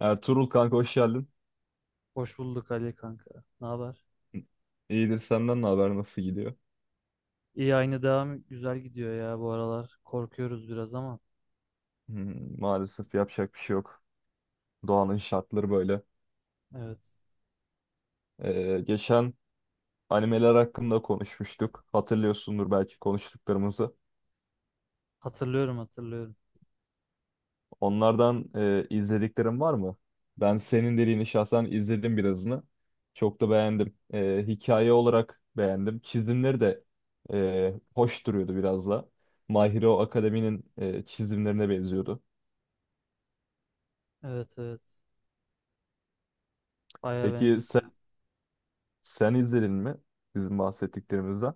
Ertuğrul kanka hoş geldin. Hoş bulduk Ali kanka. Ne haber? İyidir senden ne haber, nasıl gidiyor? İyi, aynı devam, güzel gidiyor ya bu aralar. Korkuyoruz biraz ama. Hmm, maalesef yapacak bir şey yok. Doğanın şartları böyle. Evet. Geçen animeler hakkında konuşmuştuk. Hatırlıyorsundur belki konuştuklarımızı. Hatırlıyorum, hatırlıyorum. Onlardan izlediklerin var mı? Ben senin dediğini şahsen izledim birazını. Çok da beğendim. Hikaye olarak beğendim. Çizimleri de hoş duruyordu biraz da. My Hero Academy'nin çizimlerine benziyordu. Evet, evet. Baya Peki benziyor. sen sen izledin mi bizim bahsettiklerimizden?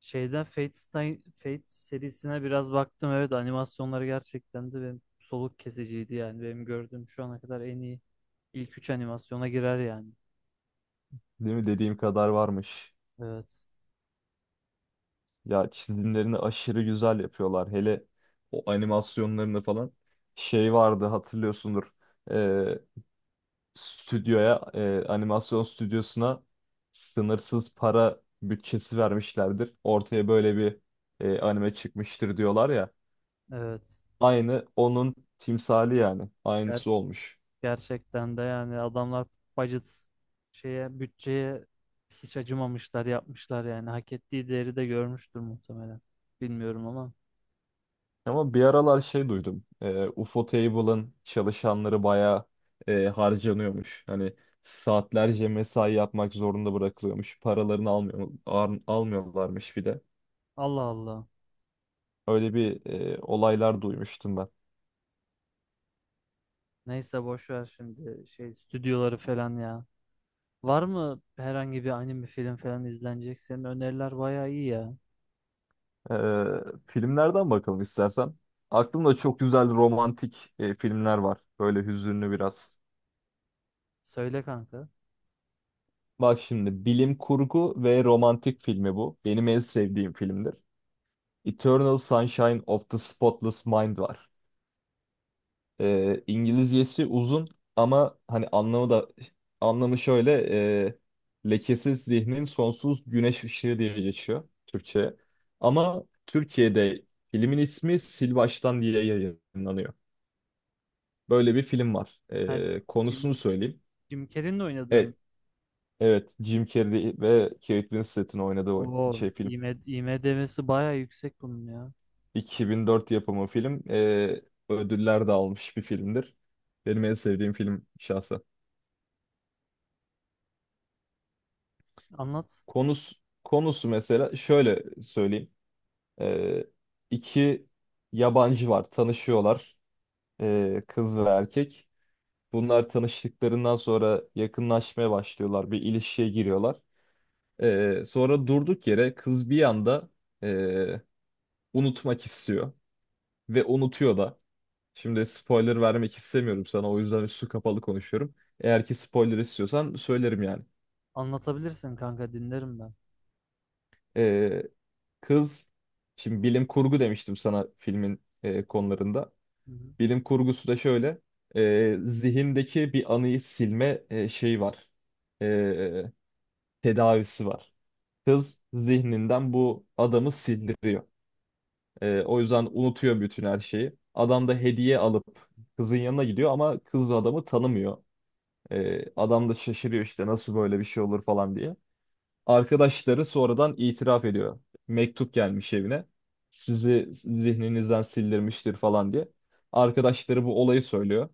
Şeyden Fate, Fate serisine biraz baktım. Evet, animasyonları gerçekten de benim soluk kesiciydi yani. Benim gördüğüm şu ana kadar en iyi ilk üç animasyona girer yani. Değil mi? Dediğim kadar varmış. Evet. Ya çizimlerini aşırı güzel yapıyorlar. Hele o animasyonlarını falan. Şey vardı hatırlıyorsundur. Ee, Stüdyoya, animasyon stüdyosuna sınırsız para bütçesi vermişlerdir. Ortaya böyle bir anime çıkmıştır diyorlar ya. Evet. Aynı onun timsali yani. Aynısı olmuş. Gerçekten de yani adamlar budget, şeye, bütçeye hiç acımamışlar, yapmışlar yani, hak ettiği değeri de görmüştür muhtemelen. Bilmiyorum ama. Ama bir aralar şey duydum. UFO Table'ın çalışanları bayağı harcanıyormuş. Hani saatlerce mesai yapmak zorunda bırakılıyormuş. Paralarını almıyor, almıyorlarmış bir de. Allah Allah. Öyle bir olaylar duymuştum ben. Neyse, boş ver şimdi şey stüdyoları falan ya. Var mı herhangi bir anime film falan izlenecek? Senin öneriler bayağı iyi ya. Filmlerden bakalım istersen. Aklımda çok güzel romantik filmler var. Böyle hüzünlü biraz. Söyle kanka. Bak şimdi, bilim kurgu ve romantik filmi bu. Benim en sevdiğim filmdir. Eternal Sunshine of the Spotless Mind var. İngilizcesi uzun ama hani anlamı da şöyle, e, lekesiz zihnin sonsuz güneş ışığı diye geçiyor Türkçe. Ama Türkiye'de filmin ismi Sil Baştan diye yayınlanıyor. Böyle bir film var. Ha, Jim, Konusunu söyleyeyim. Jim Carrey'in de oynadığım, Evet, evet, Jim Carrey ve Kate Winslet'in oynadığı oyun, o şey, film. IMDb'si bayağı yüksek bunun ya. 2004 yapımı film. Ödüller de almış bir filmdir. Benim en sevdiğim film şahsen. Anlat. Konusu, Konusu mesela şöyle söyleyeyim. Ee, iki yabancı var, tanışıyorlar. Kız ve erkek. Bunlar tanıştıklarından sonra yakınlaşmaya başlıyorlar, bir ilişkiye giriyorlar. Sonra durduk yere kız bir anda ee, unutmak istiyor ve unutuyor da. Şimdi spoiler vermek istemiyorum sana, o yüzden üstü kapalı konuşuyorum. Eğer ki spoiler istiyorsan söylerim yani. Anlatabilirsin kanka, dinlerim ben. Ee, Kız, şimdi bilim kurgu demiştim sana filmin konularında. Hı hı. Bilim kurgusu da şöyle, zihindeki bir anıyı silme şeyi var, e, tedavisi var. Kız zihninden bu adamı sildiriyor. O yüzden unutuyor bütün her şeyi. Adam da hediye alıp kızın yanına gidiyor ama kız da adamı tanımıyor. Adam da şaşırıyor işte, nasıl böyle bir şey olur falan diye. Arkadaşları sonradan itiraf ediyor. Mektup gelmiş evine. Sizi zihninizden sildirmiştir falan diye. Arkadaşları bu olayı söylüyor.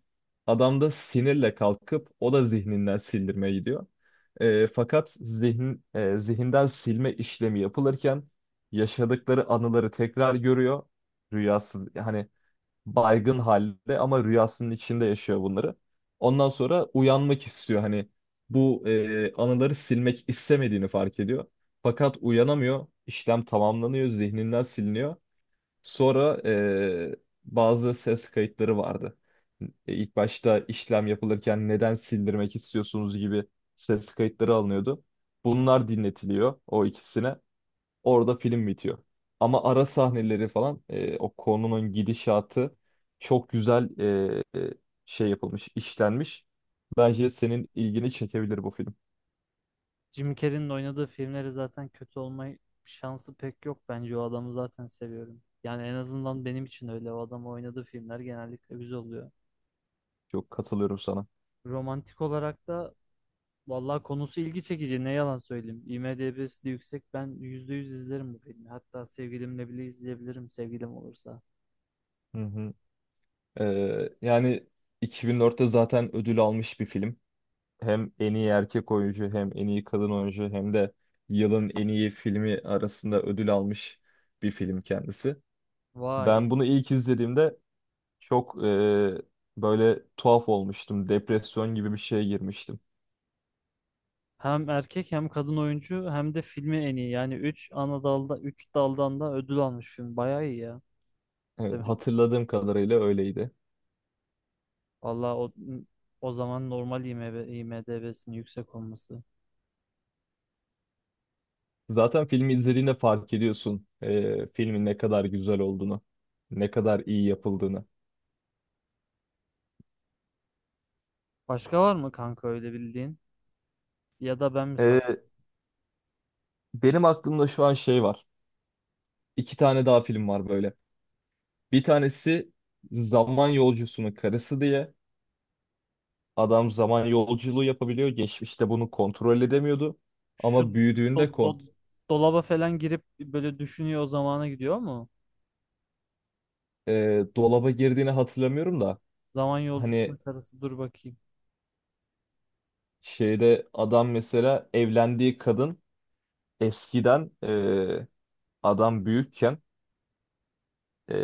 Adam da sinirle kalkıp o da zihninden sildirmeye gidiyor. Fakat zihin, zihinden silme işlemi yapılırken yaşadıkları anıları tekrar görüyor. Rüyası hani, baygın halde ama rüyasının içinde yaşıyor bunları. Ondan sonra uyanmak istiyor, hani bu anıları silmek istemediğini fark ediyor. Fakat uyanamıyor. İşlem tamamlanıyor, zihninden siliniyor. Sonra bazı ses kayıtları vardı. İlk başta işlem yapılırken neden sildirmek istiyorsunuz gibi ses kayıtları alınıyordu. Tamam. Bunlar dinletiliyor o ikisine. Orada film bitiyor. Ama ara sahneleri falan, o konunun gidişatı çok güzel e, e, şey yapılmış, işlenmiş. Bence senin ilgini çekebilir bu film. Jim Carrey'nin oynadığı filmleri zaten kötü olma şansı pek yok. Bence o adamı zaten seviyorum. Yani en azından benim için öyle. O adamın oynadığı filmler genellikle güzel oluyor. Çok katılıyorum sana. Romantik olarak da vallahi konusu ilgi çekici. Ne yalan söyleyeyim. IMDb'si de yüksek. Ben %100 izlerim bu filmi. Hatta sevgilimle bile izleyebilirim, sevgilim olursa. Hı hı. E, Yani 2004'te zaten ödül almış bir film. Hem en iyi erkek oyuncu, hem en iyi kadın oyuncu, hem de yılın en iyi filmi arasında ödül almış bir film kendisi. Vay. Ben bunu ilk izlediğimde çok böyle tuhaf olmuştum. Depresyon gibi bir şeye girmiştim. Hem erkek hem kadın oyuncu hem de filmi en iyi. Yani 3 ana dalda 3 daldan da ödül almış film. Bayağı iyi ya. Evet, Demek. hatırladığım kadarıyla öyleydi. Valla o, o zaman normal, IMDb'sinin yüksek olması. Zaten filmi izlediğinde fark ediyorsun filmin ne kadar güzel olduğunu, ne kadar iyi yapıldığını. Başka var mı kanka öyle bildiğin? Ya da ben mi san? E, Benim aklımda şu an şey var. İki tane daha film var böyle. Bir tanesi Zaman Yolcusunun Karısı diye. Adam zaman yolculuğu yapabiliyor. Geçmişte bunu kontrol edemiyordu. Şu Ama büyüdüğünde do- do- dolaba falan girip böyle düşünüyor, o zamana gidiyor mu? Dolaba girdiğini hatırlamıyorum da. Zaman yolcusunun Hani karısı, dur bakayım. şeyde adam mesela evlendiği kadın eskiden adam büyükken e,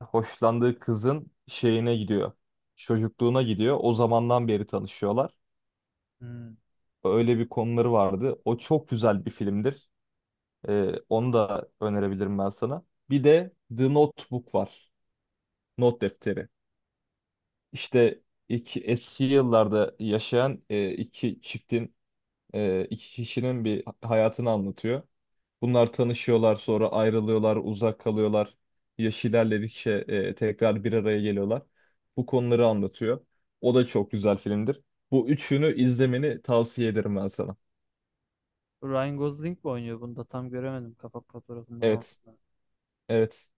hoşlandığı kızın şeyine gidiyor. Çocukluğuna gidiyor. O zamandan beri tanışıyorlar. Hmm. Öyle bir konuları vardı. O çok güzel bir filmdir. Onu da önerebilirim ben sana. Bir de The Notebook var. Not defteri. İşte iki, eski yıllarda yaşayan iki çiftin, iki kişinin bir hayatını anlatıyor. Bunlar tanışıyorlar, sonra ayrılıyorlar, uzak kalıyorlar. Yaş ilerledikçe tekrar bir araya geliyorlar. Bu konuları anlatıyor. O da çok güzel filmdir. Bu üçünü izlemeni tavsiye ederim ben sana. Ryan Gosling mi oynuyor bunda? Tam göremedim kapak fotoğrafında da onu. Evet, evet.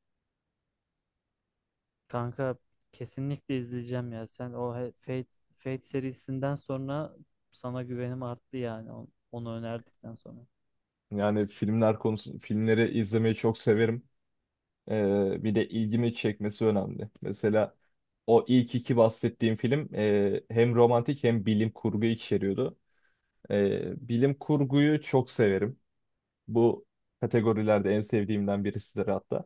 Kanka kesinlikle izleyeceğim ya. Sen o Fate serisinden sonra sana güvenim arttı yani. Onu önerdikten sonra. Yani filmler konusu, filmleri izlemeyi çok severim. Bir de ilgimi çekmesi önemli. Mesela o ilk iki bahsettiğim film hem romantik hem bilim kurgu içeriyordu. Bilim kurguyu çok severim. Bu kategorilerde en sevdiğimden birisidir hatta.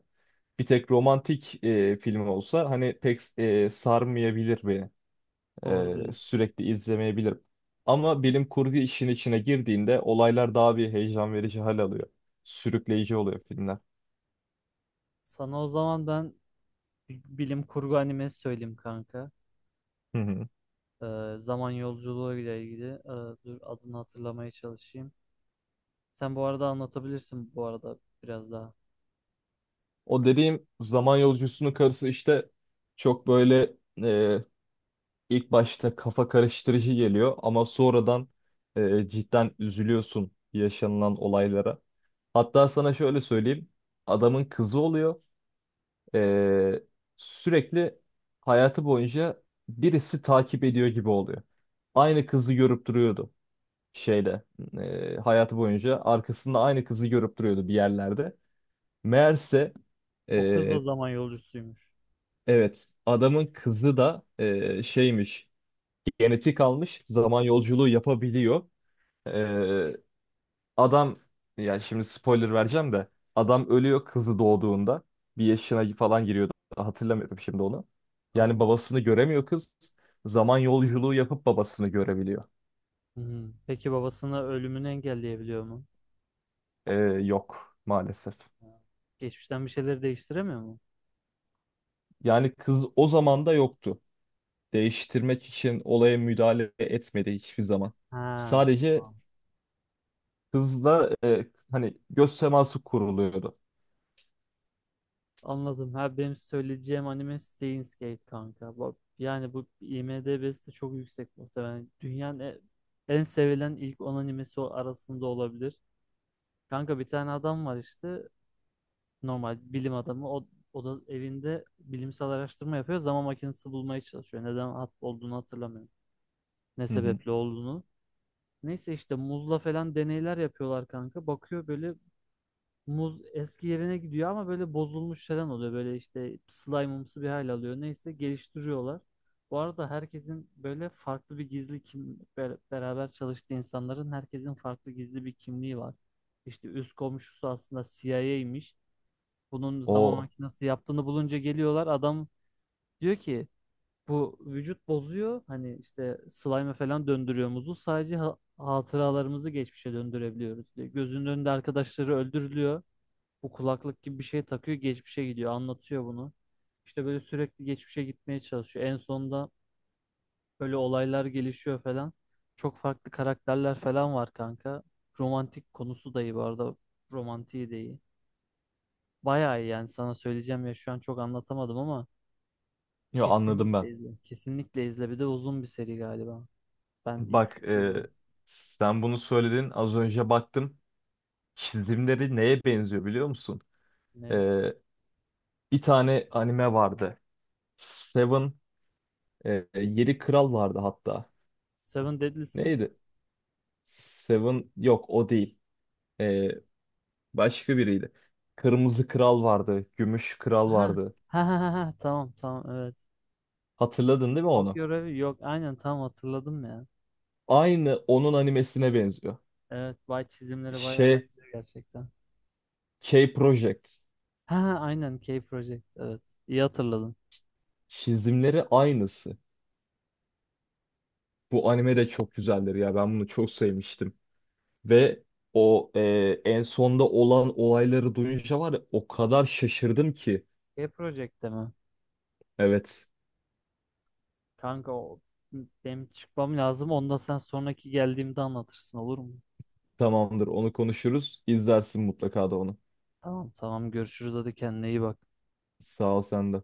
Bir tek romantik film olsa hani pek sarmayabilir beni. Doğru diyorsun. Sürekli izlemeyebilirim. Ama bilim kurgu işin içine girdiğinde olaylar daha bir heyecan verici hal alıyor. Sürükleyici oluyor filmler. Sana o zaman ben bilim kurgu animesi söyleyeyim kanka. Hı hı. Zaman yolculuğu ile ilgili. Dur adını hatırlamaya çalışayım. Sen bu arada anlatabilirsin bu arada, biraz daha. O dediğim zaman yolcusunun karısı işte çok böyle e, ilk başta kafa karıştırıcı geliyor ama sonradan cidden üzülüyorsun yaşanılan olaylara. Hatta sana şöyle söyleyeyim. Adamın kızı oluyor. Ee, Sürekli hayatı boyunca birisi takip ediyor gibi oluyor. Aynı kızı görüp duruyordu şeyde. Hayatı boyunca arkasında aynı kızı görüp duruyordu bir yerlerde. Meğerse O kız da ee, zaman yolcusuymuş. evet, adamın kızı da şeymiş, genetik almış, zaman yolculuğu yapabiliyor. E, Adam, yani şimdi spoiler vereceğim de, adam ölüyor kızı doğduğunda. Bir yaşına falan giriyordu. Hatırlamıyorum şimdi onu. Yani Tamam. babasını göremiyor kız. Zaman yolculuğu yapıp babasını görebiliyor. Hmm. Peki babasını, ölümünü engelleyebiliyor mu? Ee, Yok, maalesef. Ha. Geçmişten bir şeyleri değiştiremiyor mu? Yani kız o zaman da yoktu. Değiştirmek için olaya müdahale etmedi hiçbir zaman. Ha, Sadece tamam. kızla hani göz teması kuruluyordu. Anladım. Ha, benim söyleyeceğim anime Steins Gate kanka. Bak, yani bu IMDb'si de çok yüksek muhtemelen. Dünyanın en sevilen ilk 10 animesi arasında olabilir. Kanka bir tane adam var işte, normal bilim adamı, o da evinde bilimsel araştırma yapıyor, zaman makinesi bulmaya çalışıyor. Neden hat olduğunu hatırlamıyorum. Ne Hı hı. sebeple olduğunu. Neyse işte muzla falan deneyler yapıyorlar kanka. Bakıyor böyle, muz eski yerine gidiyor ama böyle bozulmuş falan oluyor. Böyle işte slime'ımsı bir hal alıyor. Neyse, geliştiriyorlar. Bu arada herkesin böyle farklı bir gizli beraber çalıştığı insanların, herkesin farklı gizli bir kimliği var. İşte üst komşusu aslında CIA'ymiş. Bunun zaman O. makinesi yaptığını bulunca geliyorlar. Adam diyor ki bu vücut bozuyor. Hani işte slime'e falan döndürüyor muzu. Sadece hatıralarımızı geçmişe döndürebiliyoruz diyor. Gözünün önünde arkadaşları öldürülüyor. Bu kulaklık gibi bir şey takıyor. Geçmişe gidiyor. Anlatıyor bunu. İşte böyle sürekli geçmişe gitmeye çalışıyor. En sonunda böyle olaylar gelişiyor falan. Çok farklı karakterler falan var kanka. Romantik konusu da iyi bu arada. Romantiği de iyi. Bayağı iyi yani, sana söyleyeceğim ya, şu an çok anlatamadım ama. Yo, anladım Kesinlikle ben. izle. Kesinlikle izle. Bir de uzun bir seri galiba. Ben ilk Bak, uzun, sen bunu söyledin. Az önce baktım. Çizimleri neye benziyor biliyor musun? ne? Ee, Bir tane anime vardı. Seven, Yedi Kral vardı hatta. Seven Deadly Sins. Neydi? Seven, yok o değil. Ee, Başka biriydi. Kırmızı Kral vardı, Gümüş Kral Ha. vardı. Ha ha ha, ha. Tamam, tamam, evet. Hatırladın değil mi onu? Tokyo Revue, yok aynen, tam hatırladım ya. Aynı onun animesine benziyor. Evet, vay, çizimleri bayağı Şey, benziyor gerçekten. K-Project. Ha ha, aynen, K Project, evet. İyi hatırladın. Çizimleri aynısı. Bu anime de çok güzeldir ya. Ben bunu çok sevmiştim. Ve o en sonda olan olayları duyunca var ya, o kadar şaşırdım ki. K Project'te mi? Evet, Kanka o, benim çıkmam lazım. Onu da sen sonraki geldiğimde anlatırsın, olur mu? tamamdır, onu konuşuruz. İzlersin mutlaka da onu. Tamam, tamam, görüşürüz, hadi kendine iyi bak. Sağ ol, sen de.